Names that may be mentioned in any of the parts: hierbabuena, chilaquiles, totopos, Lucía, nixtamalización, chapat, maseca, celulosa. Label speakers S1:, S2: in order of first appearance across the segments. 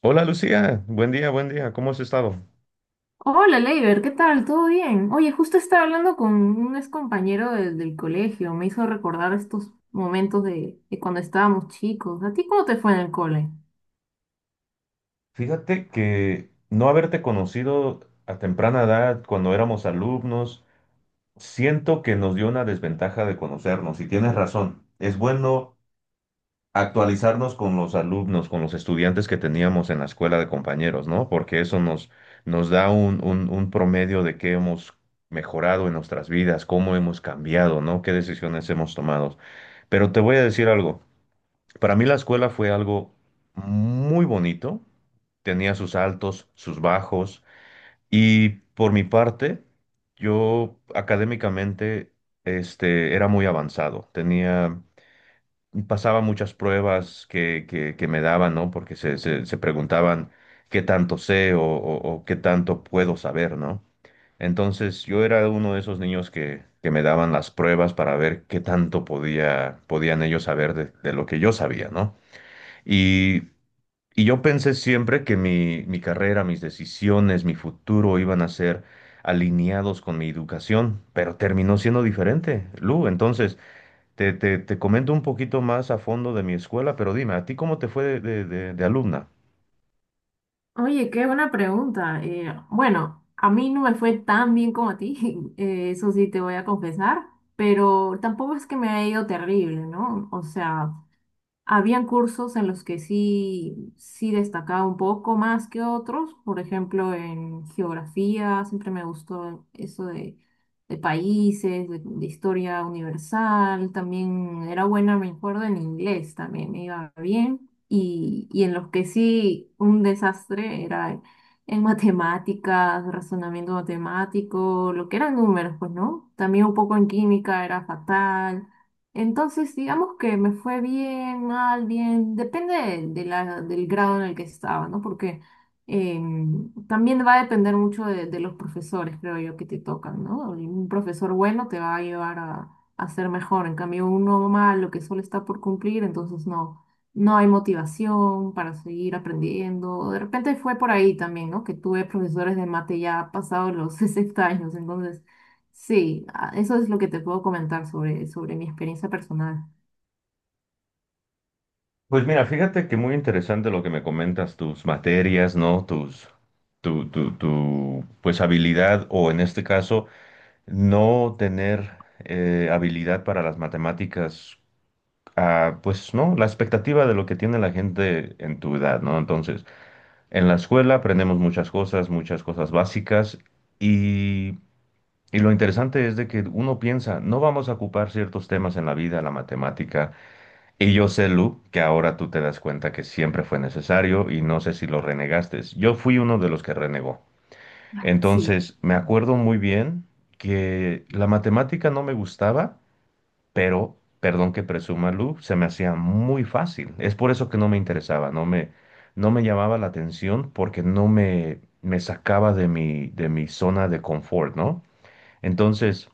S1: Hola Lucía, buen día, ¿cómo has estado?
S2: Hola, Leiber, ¿qué tal? ¿Todo bien? Oye, justo estaba hablando con un ex compañero del colegio, me hizo recordar estos momentos de cuando estábamos chicos. ¿A ti cómo te fue en el cole?
S1: Fíjate que no haberte conocido a temprana edad cuando éramos alumnos, siento que nos dio una desventaja de conocernos y tienes razón, es bueno actualizarnos con los alumnos, con los estudiantes que teníamos en la escuela de compañeros, ¿no? Porque eso nos da un promedio de qué hemos mejorado en nuestras vidas, cómo hemos cambiado, ¿no? ¿Qué decisiones hemos tomado? Pero te voy a decir algo. Para mí la escuela fue algo muy bonito, tenía sus altos, sus bajos, y por mi parte yo académicamente era muy avanzado, tenía, pasaba muchas pruebas que me daban, ¿no? Porque se preguntaban qué tanto sé o qué tanto puedo saber, ¿no? Entonces yo era uno de esos niños que me daban las pruebas para ver qué tanto podían ellos saber de lo que yo sabía, ¿no? Y y yo pensé siempre que mi carrera, mis decisiones, mi futuro iban a ser alineados con mi educación, pero terminó siendo diferente. Lu, entonces, te comento un poquito más a fondo de mi escuela, pero dime, ¿a ti cómo te fue de alumna?
S2: Oye, qué buena pregunta. Bueno, a mí no me fue tan bien como a ti, eso sí te voy a confesar, pero tampoco es que me haya ido terrible, ¿no? O sea, habían cursos en los que sí destacaba un poco más que otros, por ejemplo, en geografía, siempre me gustó eso de países, de historia universal, también era buena, me acuerdo, en inglés también me iba bien, y en los que sí un desastre era en matemáticas, razonamiento matemático, lo que eran números, pues, ¿no? También un poco en química era fatal. Entonces, digamos que me fue bien, mal, bien, depende del grado en el que estaba, ¿no? Porque también va a depender mucho de los profesores, creo yo, que te tocan, ¿no? Un profesor bueno te va a llevar a ser mejor, en cambio uno malo que solo está por cumplir, entonces no, no hay motivación para seguir aprendiendo. De repente fue por ahí también, ¿no? Que tuve profesores de mate ya pasados los 60 años, entonces sí, ah, eso es lo que te puedo comentar sobre mi experiencia personal.
S1: Pues mira, fíjate que muy interesante lo que me comentas, tus materias, ¿no? Tus, pues habilidad, o en este caso, no tener habilidad para las matemáticas. Ah, pues no, la expectativa de lo que tiene la gente en tu edad, ¿no? Entonces, en la escuela aprendemos muchas cosas básicas, y, y lo interesante es de que uno piensa, no vamos a ocupar ciertos temas en la vida, la matemática, y yo sé, Lu, que ahora tú te das cuenta que siempre fue necesario y no sé si lo renegaste. Yo fui uno de los que renegó.
S2: Ay, sí.
S1: Entonces, me acuerdo muy bien que la matemática no me gustaba, pero, perdón que presuma, Lu, se me hacía muy fácil. Es por eso que no me interesaba, no me llamaba la atención porque no me, me sacaba de mi zona de confort, ¿no? Entonces,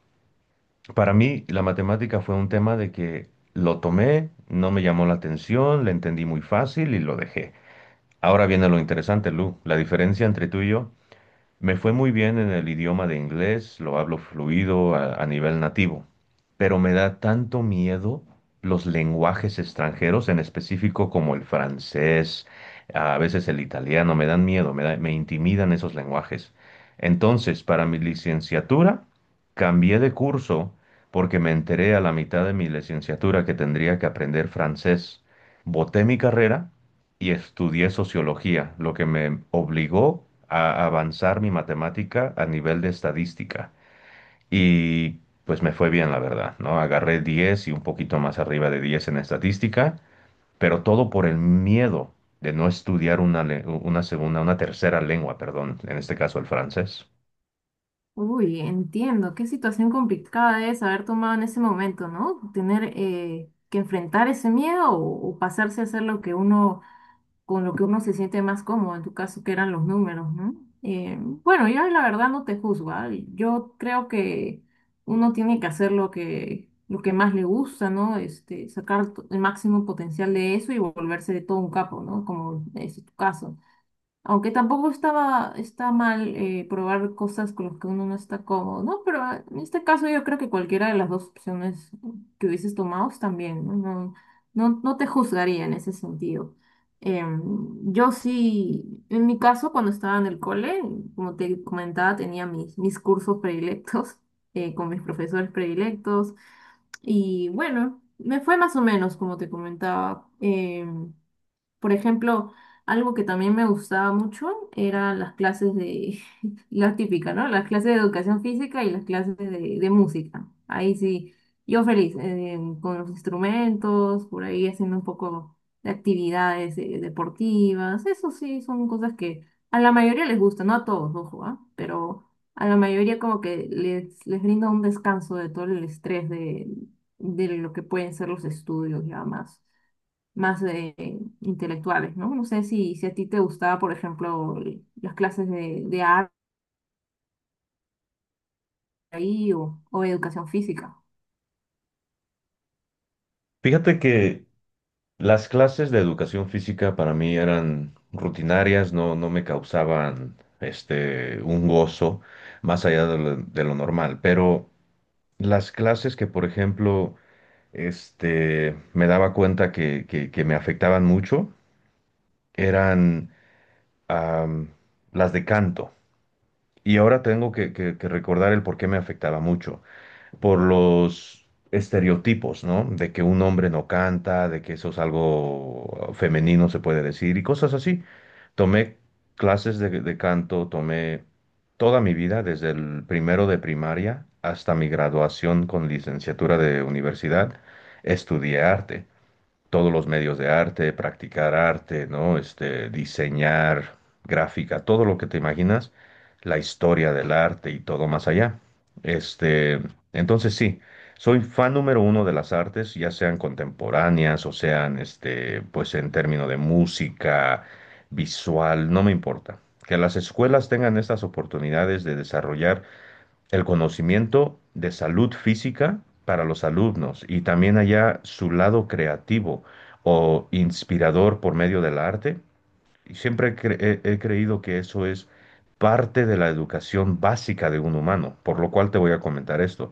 S1: para mí la matemática fue un tema de que lo tomé, no me llamó la atención, le entendí muy fácil y lo dejé. Ahora viene lo interesante, Lu, la diferencia entre tú y yo. Me fue muy bien en el idioma de inglés, lo hablo fluido a nivel nativo, pero me da tanto miedo los lenguajes extranjeros, en específico como el francés, a veces el italiano, me dan miedo, me intimidan esos lenguajes. Entonces, para mi licenciatura, cambié de curso porque me enteré a la mitad de mi licenciatura que tendría que aprender francés. Boté mi carrera y estudié sociología, lo que me obligó a avanzar mi matemática a nivel de estadística. Y pues me fue bien, la verdad, ¿no? Agarré 10 y un poquito más arriba de 10 en estadística, pero todo por el miedo de no estudiar una segunda, una tercera lengua, perdón, en este caso el francés.
S2: Uy, entiendo, qué situación complicada debes haber tomado en ese momento, ¿no? Tener que enfrentar ese miedo o pasarse a hacer lo que uno con lo que uno se siente más cómodo, en tu caso que eran los números, ¿no? Bueno, yo la verdad no te juzgo, ¿ah? Yo creo que uno tiene que hacer lo que más le gusta, ¿no? Este, sacar to- el máximo potencial de eso y volverse de todo un capo, ¿no? Como es tu caso. Aunque tampoco estaba, está mal probar cosas con las que uno no está cómodo, ¿no? Pero en este caso yo creo que cualquiera de las dos opciones que hubieses tomado están bien, ¿no? No, no, no te juzgaría en ese sentido. Em, yo sí, en mi caso, cuando estaba en el cole, como te comentaba, tenía mis cursos predilectos con mis profesores predilectos. Y bueno, me fue más o menos, como te comentaba. Por ejemplo, algo que también me gustaba mucho eran las clases de, la típica, ¿no? Las clases de educación física y las clases de música. Ahí sí, yo feliz, con los instrumentos, por ahí haciendo un poco de actividades deportivas. Eso sí, son cosas que a la mayoría les gusta, no a todos, ojo, ¿ah? Pero a la mayoría como que les brinda un descanso de todo el estrés de lo que pueden ser los estudios y demás más intelectuales, ¿no? No sé si, si a ti te gustaba, por ejemplo, el- las clases de arte ahí o educación física.
S1: Fíjate que las clases de educación física para mí eran rutinarias, no me causaban un gozo más allá de lo normal, pero las clases que, por ejemplo, me daba cuenta que me afectaban mucho eran am, las de canto. Y ahora tengo que recordar el por qué me afectaba mucho. Por los estereotipos, ¿no? De que un hombre no canta, de que eso es algo femenino, se puede decir, y cosas así. Tomé clases de canto, tomé toda mi vida, desde el primero de primaria hasta mi graduación con licenciatura de universidad, estudié arte, todos los medios de arte, practicar arte, ¿no? Diseñar, gráfica, todo lo que te imaginas, la historia del arte y todo más allá. Este, entonces sí, soy fan número uno de las artes, ya sean contemporáneas o sean, pues en términos de música, visual, no me importa. Que las escuelas tengan estas oportunidades de desarrollar el conocimiento de salud física para los alumnos y también allá su lado creativo o inspirador por medio del arte. Y siempre he creído que eso es parte de la educación básica de un humano, por lo cual te voy a comentar esto.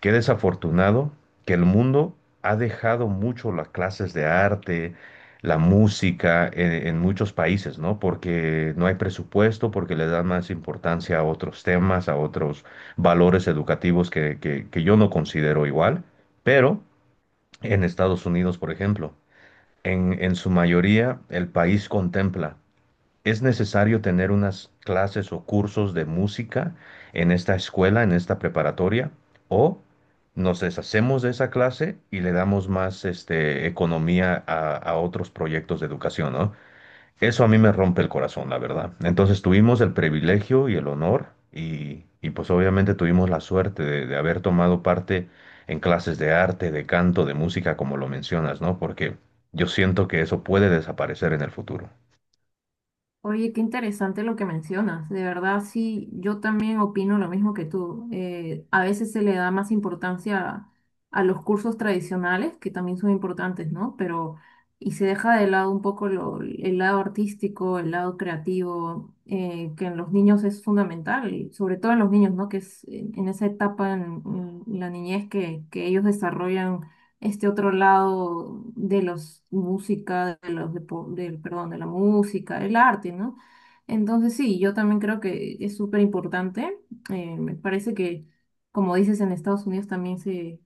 S1: Qué desafortunado que el mundo ha dejado mucho las clases de arte, la música en muchos países, ¿no? Porque no hay presupuesto, porque le dan más importancia a otros temas, a otros valores educativos que yo no considero igual. Pero en Estados Unidos, por ejemplo, en su mayoría el país contempla: ¿es necesario tener unas clases o cursos de música en esta escuela, en esta preparatoria? ¿O nos deshacemos de esa clase y le damos más economía a otros proyectos de educación, ¿no? Eso a mí me rompe el corazón, la verdad. Entonces tuvimos el privilegio y el honor y, pues obviamente tuvimos la suerte de haber tomado parte en clases de arte, de canto, de música, como lo mencionas, ¿no? Porque yo siento que eso puede desaparecer en el futuro.
S2: Oye, qué interesante lo que mencionas. De verdad, sí, yo también opino lo mismo que tú. A veces se le da más importancia a los cursos tradicionales, que también son importantes, ¿no? Pero, y se deja de lado un poco lo- el lado artístico, el lado creativo, que en los niños es fundamental, y sobre todo en los niños, ¿no? Que es en esa etapa en la niñez que ellos desarrollan este otro lado de los música, de los depo- del, perdón, de la música, el arte, ¿no? Entonces sí, yo también creo que es súper importante. Me parece que, como dices, en Estados Unidos también se,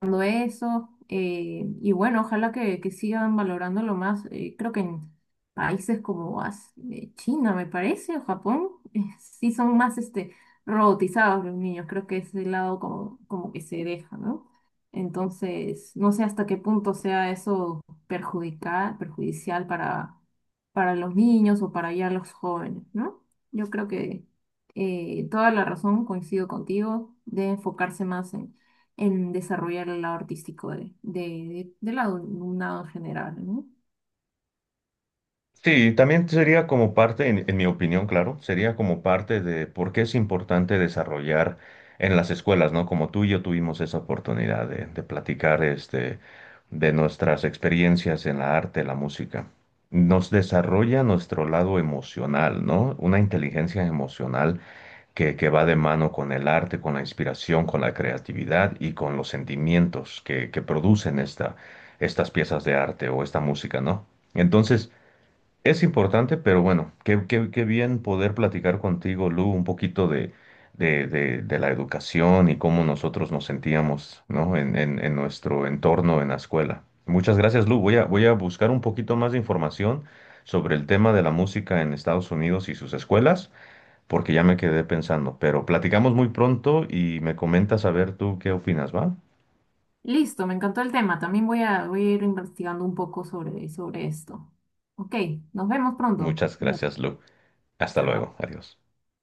S2: valorando eso. Y bueno, ojalá que sigan valorándolo más. Creo que en países como As- China, me parece, o Japón, sí son más este, robotizados los niños. Creo que es el lado como, como que se deja, ¿no? Entonces, no sé hasta qué punto sea eso perjudicar, perjudicial para los niños o para ya los jóvenes, ¿no? Yo creo que toda la razón, coincido contigo, de enfocarse más en desarrollar el lado artístico de- del lado alumnado en general, ¿no?
S1: Sí, también sería como parte, en mi opinión, claro, sería como parte de por qué es importante desarrollar en las escuelas, ¿no? Como tú y yo tuvimos esa oportunidad de platicar de nuestras experiencias en la arte, la música. Nos desarrolla nuestro lado emocional, ¿no? Una inteligencia emocional que va de mano con el arte, con la inspiración, con la creatividad y con los sentimientos que producen estas piezas de arte o esta música, ¿no? Entonces, es importante, pero bueno, qué bien poder platicar contigo, Lu, un poquito de, de la educación y cómo nosotros nos sentíamos, ¿no? En nuestro entorno en la escuela. Muchas gracias, Lu. Voy a buscar un poquito más de información sobre el tema de la música en Estados Unidos y sus escuelas, porque ya me quedé pensando. Pero platicamos muy pronto y me comentas a ver tú qué opinas, ¿va?
S2: Listo, me encantó el tema. También voy a, voy a ir investigando un poco sobre, sobre esto. Ok, nos vemos pronto.
S1: Muchas
S2: Cuídate.
S1: gracias, Lu. Hasta
S2: Chao.
S1: luego. Adiós.